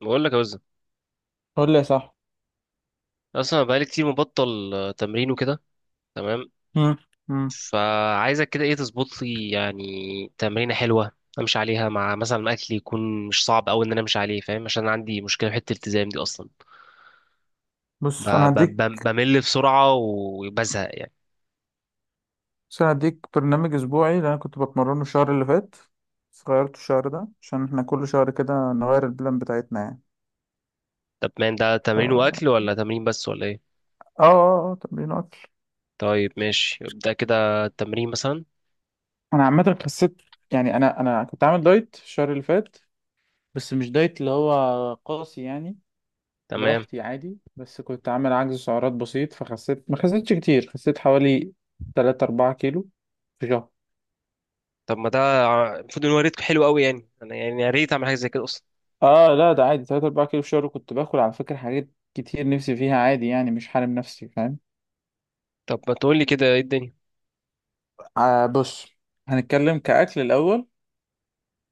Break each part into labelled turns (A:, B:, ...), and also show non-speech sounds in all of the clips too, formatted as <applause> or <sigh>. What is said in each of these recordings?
A: بقول لك يا وزن،
B: قول لي صح.
A: اصلا بقالي كتير مبطل تمرين وكده. تمام.
B: مم. مم.
A: فعايزك كده ايه تظبط لي يعني؟ تمرينه حلوه. امشي عليها مع مثلا اكل يكون مش صعب قوي ان انا امشي عليه فاهم، عشان أنا عندي مشكله في حته الالتزام دي اصلا.
B: بص انا هديك
A: بمل بسرعه وبزهق يعني.
B: بس أنا هديك برنامج اسبوعي اللي انا كنت بتمرنه الشهر اللي فات، بس غيرته الشهر ده عشان احنا كل شهر كده نغير البلان بتاعتنا يعني.
A: طب مان، ده
B: ف
A: تمرين
B: اه
A: واكل ولا تمرين بس ولا ايه؟
B: اه اه تمرين اكل.
A: طيب ماشي، ابدا كده التمرين مثلا.
B: انا عامه خسيت، يعني انا كنت عامل دايت الشهر اللي فات، بس مش دايت اللي هو قاسي يعني،
A: تمام.
B: براحتي عادي، بس كنت عامل عجز سعرات بسيط فخسيت، ما خسيتش كتير، خسيت حوالي 3 4 كيلو في شهر.
A: طب ما ده المفروض ان هو ريت حلو قوي يعني، انا يعني يا ريت اعمل حاجه زي كده اصلا.
B: اه لا، ده عادي 3 4 كيلو في الشهر، كنت باكل على فكرة حاجات كتير نفسي فيها عادي، يعني مش حارم نفسي فاهم.
A: طب ما تقول لي كده ايه الدنيا؟
B: آه بص، هنتكلم كأكل الأول.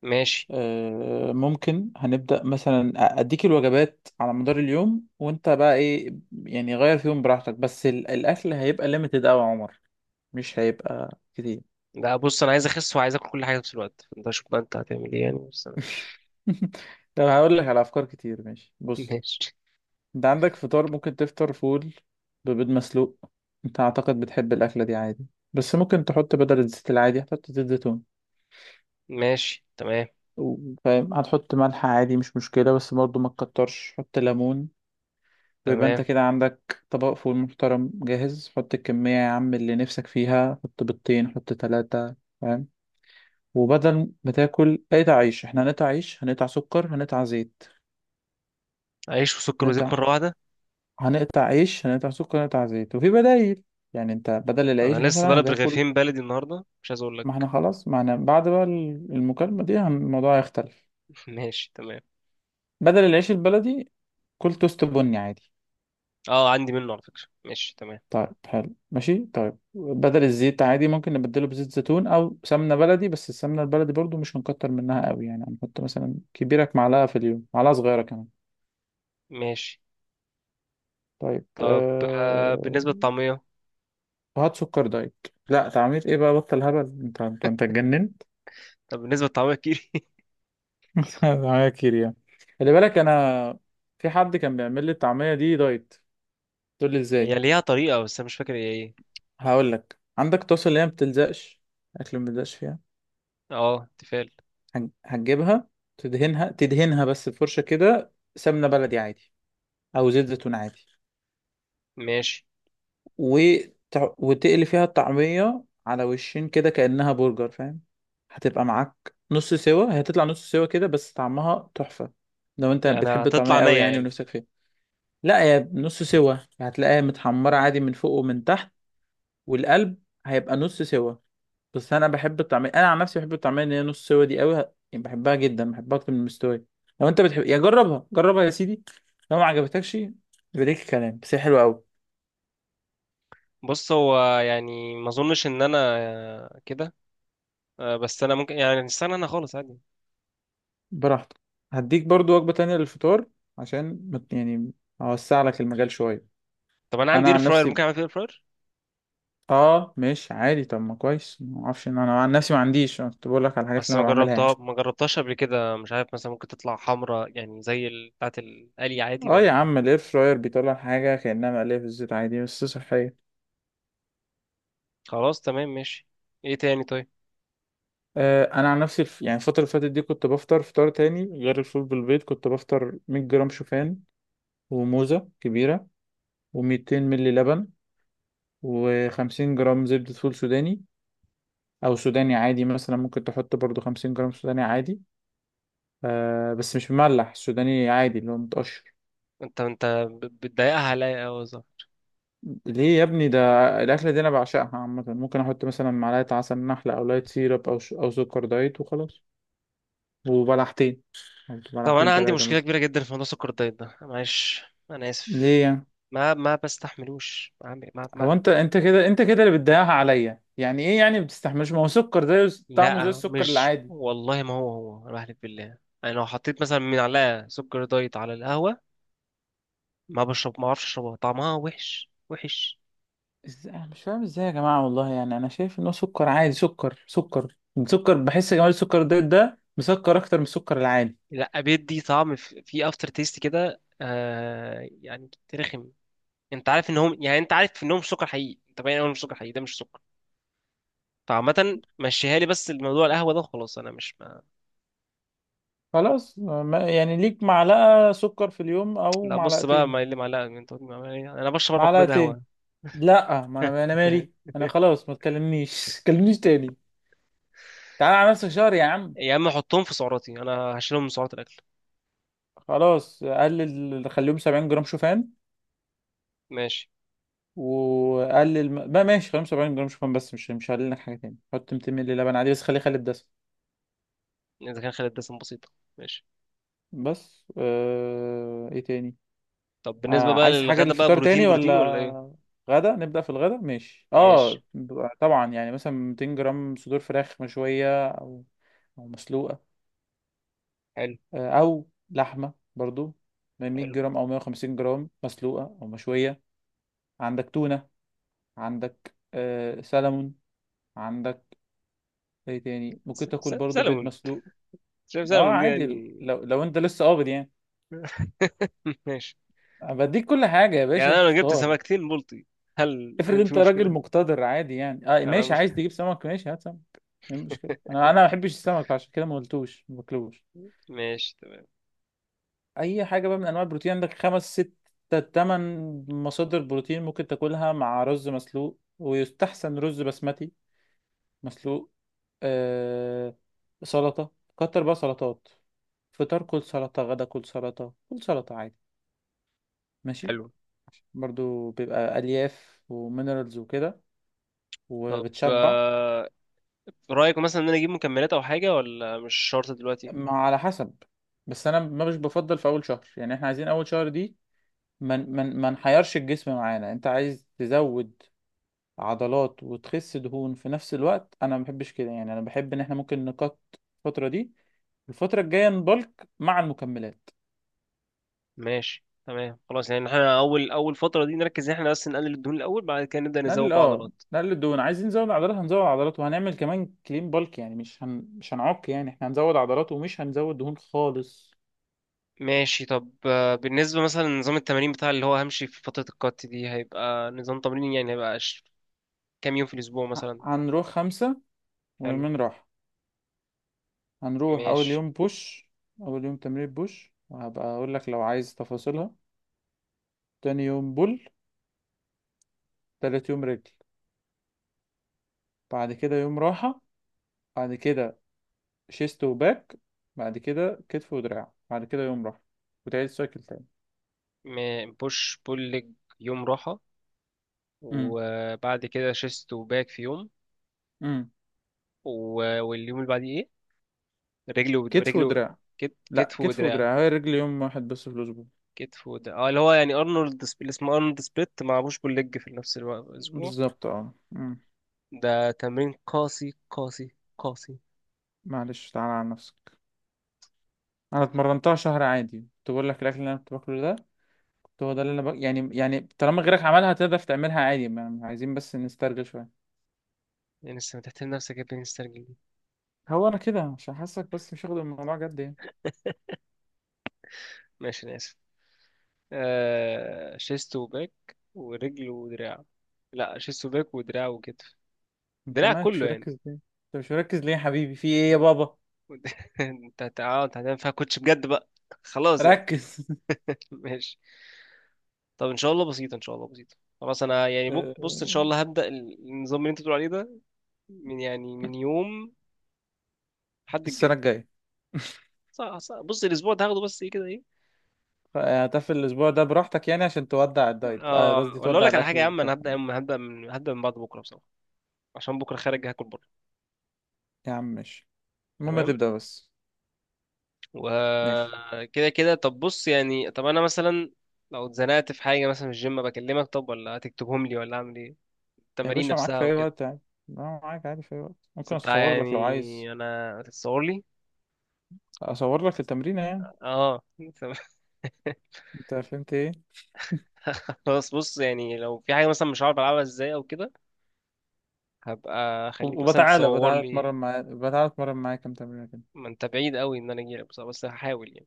A: ماشي.
B: آه، ممكن هنبدأ مثلا أديك الوجبات على مدار اليوم، وأنت بقى إيه، يعني غير فيهم براحتك، بس الأكل هيبقى ليميتد أوي يا عمر، مش هيبقى كتير.
A: لا بص، انا عايز اخس وعايز اكل كل حاجه في نفس الوقت، فانت شوف بقى انت هتعمل ايه يعني، بس انا مش.
B: <laughs> طب هقول لك على أفكار كتير، ماشي
A: <laughs>
B: بص.
A: ماشي.
B: انت عندك فطار ممكن تفطر فول ببيض مسلوق، انت اعتقد بتحب الاكله دي عادي، بس ممكن تحط بدل الزيت العادي هتحط زيت زيتون،
A: ماشي تمام.
B: فاهم، هتحط ملح عادي مش مشكله، بس برضه ما تكترش، حط ليمون. ويبقى انت
A: تمام.
B: كده عندك طبق فول محترم جاهز، حط الكميه يا عم اللي نفسك فيها، حط بيضتين، حط ثلاثه فاهم. وبدل ما تاكل قطع عيش، احنا هنقطع عيش، هنقطع سكر، هنقطع زيت.
A: عيش وسكر وزيت
B: هنقطع
A: مره واحده؟
B: هنقطع عيش، هنقطع سكر، هنقطع زيت، وفي بدايل، يعني انت بدل العيش
A: انا لسه
B: مثلا
A: ضارب
B: هتاكل...
A: رغيفين بلدي النهارده، مش عايز اقول
B: ما احنا
A: لك.
B: خلاص، ما احنا بعد بقى المكالمة دي الموضوع هيختلف.
A: <laughs> ماشي تمام.
B: بدل العيش البلدي، كل توست بني عادي.
A: اه، عندي منه على فكره، ماشي تمام.
B: طيب حلو ماشي، طيب بدل الزيت عادي ممكن نبدله بزيت زيتون او سمنة بلدي، بس السمنة البلدي برضو مش هنكتر منها قوي، يعني هنحط مثلا كبيرك معلقة في اليوم، معلقة صغيرة كمان.
A: ماشي.
B: طيب
A: طب بالنسبه للطعميه.
B: هات سكر دايت! لا تعمير ايه بقى، بطل هبل! انت اتجننت!
A: طب بالنسبه للطعميه كيري؟
B: <laughs> طعمية كتير يعني؟ خلي بالك، انا في حد كان بيعمل لي الطعمية دي دايت، تقول لي
A: <laughs> هي
B: ازاي؟
A: ليها طريقه، بس انا مش فاكر هي ايه.
B: هقول لك، عندك طاسة اللي هي ما بتلزقش، الاكل ما بيلزقش فيها،
A: اه، تفال.
B: هتجيبها تدهنها، تدهنها بس بفرشة كده سمنة بلدي عادي، او زيت زيتون عادي،
A: ماشي.
B: وتقلي فيها الطعمية على وشين كده كأنها برجر فاهم. هتبقى معاك نص سوا، هي هتطلع نص سوا كده، بس طعمها تحفة، لو انت
A: يعني
B: بتحب الطعمية
A: هتطلع نية
B: قوي يعني
A: يعني؟
B: ونفسك فيها. لا هي نص سوا، هتلاقيها متحمرة عادي من فوق ومن تحت، والقلب هيبقى نص سوا. بس انا بحب الطعميه، انا عن نفسي بحب الطعميه اللي هي نص سوا دي قوي، يعني بحبها جدا، بحبها اكتر من المستويه. لو انت بتحب، يا جربها جربها يا سيدي، لو ما عجبتكش يبقى ليك الكلام، بس هي حلوه قوي.
A: بص، هو يعني ما اظنش ان انا كده. آه، بس انا ممكن يعني استنى انا خالص عادي.
B: براحتك. هديك برضو وجبه تانية للفطار، عشان يعني اوسع لك المجال شويه.
A: طب انا عندي
B: انا
A: اير
B: عن
A: فراير،
B: نفسي
A: ممكن اعمل فيه اير فراير؟
B: اه، ماشي عادي، طب ما كويس، ما اعرفش ان انا عن نفسي ما عنديش، انا كنت بقول لك على الحاجات اللي
A: بس
B: انا بعملها يعني.
A: ما جربتهاش قبل كده، مش عارف مثلا ممكن تطلع حمرا يعني زي بتاعت القلي عادي
B: اه يا
A: ولا؟
B: عم، الاير فراير بيطلع حاجه كانها مقليه في الزيت عادي، بس صحيه.
A: خلاص تمام ماشي. ايه تاني طيب؟
B: آه، انا عن نفسي يعني الفتره اللي فاتت دي كنت بفطر فطار تاني غير الفول بالبيض، كنت بفطر 100 جرام شوفان، وموزه كبيره، و200 ملي لبن، و50 جرام زبده فول سوداني، او سوداني عادي، مثلا ممكن تحط برضو 50 جرام سوداني عادي. آه بس مش مملح، سوداني عادي اللي هو متقشر.
A: انت بتضايقها عليا قوي صح؟
B: ليه يا ابني ده؟ الاكله دي انا بعشقها عامه، ممكن احط مثلا معلقه عسل نحله، او لايت سيرب، او سكر دايت وخلاص، وبلحتين،
A: طب
B: بلحتين
A: انا عندي
B: ثلاثه
A: مشكله
B: مثلا.
A: كبيره جدا في موضوع سكر الدايت ده، معلش انا اسف.
B: ليه يعني؟
A: ما ما بستحملوش عم- ما ما
B: هو انت انت كده، انت كده اللي بتضيعها عليا، يعني ايه يعني ما بتستحملوش؟ ما هو سكر ده طعمه زي
A: لا
B: السكر
A: مش
B: العادي.
A: والله، ما هو انا بحلف بالله. انا لو حطيت مثلا من عليها سكر دايت على القهوه، ما بشرب ما اعرفش اشربها، طعمها وحش وحش.
B: انا مش فاهم ازاي يا جماعه والله، يعني انا شايف ان هو سكر عادي، سكر سكر، السكر بحس يا جماعه السكر ده ده مسكر اكتر من السكر العادي.
A: لا، بيدي طعم في افتر تيست كده يعني رخم. انت عارف انهم مش سكر حقيقي، انت باين انهم مش سكر حقيقي، ده مش سكر. فعامة، مشيها لي، بس الموضوع القهوة ده خلاص انا مش ما.
B: خلاص يعني ليك معلقه سكر في اليوم، او
A: لا بص بقى، ما
B: معلقتين.
A: اللي معلقة انت قلت معلقة إيه؟ انا بشرب اربع كوبايات
B: معلقتين؟
A: قهوة.
B: لا، ما انا انا مالي، انا
A: <laughs>
B: خلاص ما تكلمنيش <laughs> تكلمنيش تاني. تعالى على نفسك شهر يا عم!
A: يا عم حطهم في سعراتي، انا هشيلهم من سعرات الاكل.
B: خلاص قلل، خليهم 70 جرام شوفان.
A: ماشي.
B: وقلل بقى ماشي 75 جرام شوفان، بس مش مش هقلل لك حاجه تاني، حط 200 مللي لبن عادي، بس خليه خالي الدسم.
A: اذا كان خلال الدسم بسيطة. ماشي.
B: بس ايه تاني؟
A: طب بالنسبة بقى
B: عايز حاجه
A: للغدا بقى،
B: للفطار
A: بروتين
B: تاني
A: بروتين ولا ايه؟
B: ولا غدا؟ نبدا في الغدا ماشي
A: ماشي.
B: اه. طبعا، يعني مثلا 200 جرام صدور فراخ مشويه، او او مسلوقه.
A: حلو.
B: او لحمه برضو 100
A: حلو.
B: جرام او 150 جرام مسلوقه او مشويه. عندك تونه، عندك سلمون، عندك ايه تاني؟ ممكن تاكل برضو بيض
A: سلمون.
B: مسلوق.
A: شايف
B: اه
A: سلمون دي يعني؟
B: عادي، لو انت لسه قابض يعني.
A: <laughs> ماشي.
B: أنا بديك كل حاجه يا
A: يعني
B: باشا،
A: انا
B: انت
A: لو جبت
B: اختار.
A: سمكتين بلطي، هل
B: افرض
A: هيبقى في
B: انت راجل
A: مشكله؟
B: مقتدر عادي، يعني اه
A: انا.
B: ماشي عايز تجيب سمك، ماشي هات سمك. ايه المشكله؟
A: <laughs>
B: انا ما بحبش السمك عشان كده ما قلتوش، ما باكلوش.
A: ماشي تمام.
B: اي حاجه بقى من انواع البروتين، عندك خمس ست تمن مصادر بروتين، ممكن تاكلها مع رز مسلوق، ويستحسن رز بسمتي مسلوق. آه، سلطه، كتر بقى سلطات، فطار كل سلطه، غدا كل سلطه، كل سلطه عادي ماشي.
A: حلو.
B: برضو بيبقى ألياف ومينرالز وكده،
A: طب
B: وبتشبع.
A: رايك مثلا ان انا اجيب مكملات او حاجه ولا مش شرط دلوقتي؟
B: ما على حسب، بس أنا ما مش بفضل في أول شهر، يعني إحنا عايزين أول شهر دي ما من من ما نحيرش الجسم معانا. أنت عايز تزود عضلات وتخس دهون في نفس الوقت، أنا ما بحبش كده يعني، أنا بحب إن إحنا ممكن نقط الفترة دي، الفترة الجاية نبلك مع المكملات.
A: ماشي تمام. خلاص يعني احنا اول اول فتره دي نركز ان احنا بس نقلل الدهون الاول، بعد كده نبدا نزود
B: نقلل
A: بقى
B: اه،
A: عضلات.
B: نقلل الدهون، عايزين نزود عضلات، هنزود عضلات، وهنعمل كمان كلين بالك يعني، مش مش هنعك، يعني احنا هنزود عضلات ومش هنزود دهون خالص.
A: ماشي. طب بالنسبه مثلا لنظام التمارين بتاع اللي هو همشي في فتره الكات دي، هيبقى نظام تمرين يعني، هيبقى ش- كام يوم في الاسبوع مثلا؟
B: هنروح خمسة
A: حلو.
B: ويومين راحة. هنروح أول
A: ماشي.
B: يوم بوش، أول يوم تمرين بوش، وهبقى أقول لك لو عايز تفاصيلها. تاني يوم بول، تالت يوم رجل، بعد كده يوم راحة، بعد كده شيست وباك، بعد كده كتف ودراع، بعد كده يوم راحة، وتعيد السايكل تاني.
A: بوش بول ليج، يوم راحه،
B: امم.
A: وبعد كده شيست وباك في يوم.
B: امم.
A: واليوم اللي بعديه ايه؟ رجل ود-
B: كتف
A: رجل
B: ودراع. لا،
A: كتف
B: كتف
A: ودراع.
B: ودراع، هي الرجل يوم واحد بس في الأسبوع.
A: كتف ودراع، اللي هو يعني اللي اسمه ارنولد سبليت مع بوش بول ليج في نفس الوقت الاسبوع.
B: بالظبط اه. امم.
A: ده تمرين قاسي قاسي قاسي.
B: معلش، تعالى على نفسك. أنا اتمرنتها شهر عادي، كنت بقول لك الأكل اللي أنا كنت باكله ده، هو ده اللي انا يعني، يعني طالما غيرك عملها تقدر تعملها عادي، ما عايزين بس نسترجل شويه.
A: يعني لسه بتحترم نفسك يا ابني مسترجل دي؟
B: هو انا كده عشان حاسك بس مش واخد الموضوع جد يعني.
A: ماشي، انا اسف. آه، شيست وباك ورجل ودراع. لا، شيست وباك ودراع وكتف.
B: انت
A: دراع
B: مالك مش
A: كله يعني.
B: مركز ليه، انت مش مركز ليه يا حبيبي، في ايه يا بابا؟
A: <laughs> انت انت آه، أنت هتعمل فيها كوتش بجد بقى. خلاص يعني.
B: ركز! <laughs>
A: ماشي. طب ان شاء الله بسيطه، ان شاء الله بسيطه. خلاص انا يعني بص ان شاء
B: آه،
A: الله هبدا النظام اللي انت بتقول عليه ده، من يوم الحد
B: السنه
A: الجاي.
B: الجايه.
A: صح صح، بص الاسبوع ده هاخده بس ايه كده ايه.
B: <laughs> هتقفل الاسبوع ده براحتك، يعني عشان تودع الدايت، آه،
A: اه،
B: قصدي
A: ولا اقول
B: تودع
A: لك على حاجه يا
B: الاكل
A: عم، انا
B: ده.
A: هبدا من بعد بكره بصراحه، عشان بكره خارج هاكل بره.
B: يا عم ماشي، المهم
A: تمام.
B: تبدا بس. ماشي
A: وكده كده طب بص يعني، طب انا مثلا لو اتزنقت في حاجه مثلا في الجيم بكلمك، طب ولا هتكتبهم لي ولا اعمل ايه؟
B: يا
A: التمارين
B: باشا، معاك
A: نفسها
B: في اي
A: وكده.
B: وقت عادي. لا، معاك عادي في اي وقت،
A: بس
B: ممكن
A: انت
B: اصور لك لو عايز،
A: يعني انا هتتصور لي؟
B: اصور لك التمرين يعني،
A: اه. <laughs>
B: انت فهمت ايه؟
A: <laughs> خلاص بص يعني لو في حاجة مثلا مش عارف ألعبها ازاي أو كده، هبقى أخليك مثلا
B: وبتعالى
A: تصور
B: بتعالى
A: لي.
B: اتمرن معاه، بتعالى اتمرن معاه كام تمرينة كده.
A: ما أنت بعيد أوي إن أنا أجيلك، بس هحاول يعني،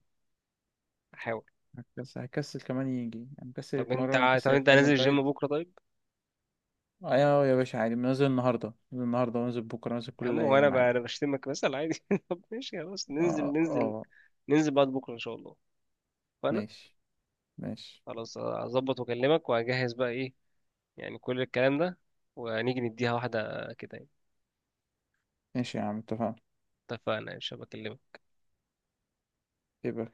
A: هحاول.
B: هكسل كمان، يجي يعني مكسل يتمرن،
A: طب
B: مكسل
A: أنت هنزل
B: يعمل
A: الجيم
B: دايت.
A: بكرة طيب؟
B: ايوه أيوه يا باشا عادي، نازل النهارده، نازل النهارده ونازل بكره، نازل
A: يا
B: كل
A: عم هو أنا
B: ايام
A: ب-
B: عادي.
A: أنا بشتمك مثلا عادي. <laughs> طب ماشي خلاص، ننزل
B: اه
A: ننزل،
B: اه
A: ننزل بعد بكرة إن شاء الله. فأنا.
B: ماشي. ماشي.
A: خلاص هظبط وأكلمك، وهجهز بقى إيه يعني، كل الكلام ده، ونيجي نديها واحدة كده يعني.
B: ماشي يا عم، اتفقنا.
A: اتفقنا يا شباب، أكلمك.
B: يبقى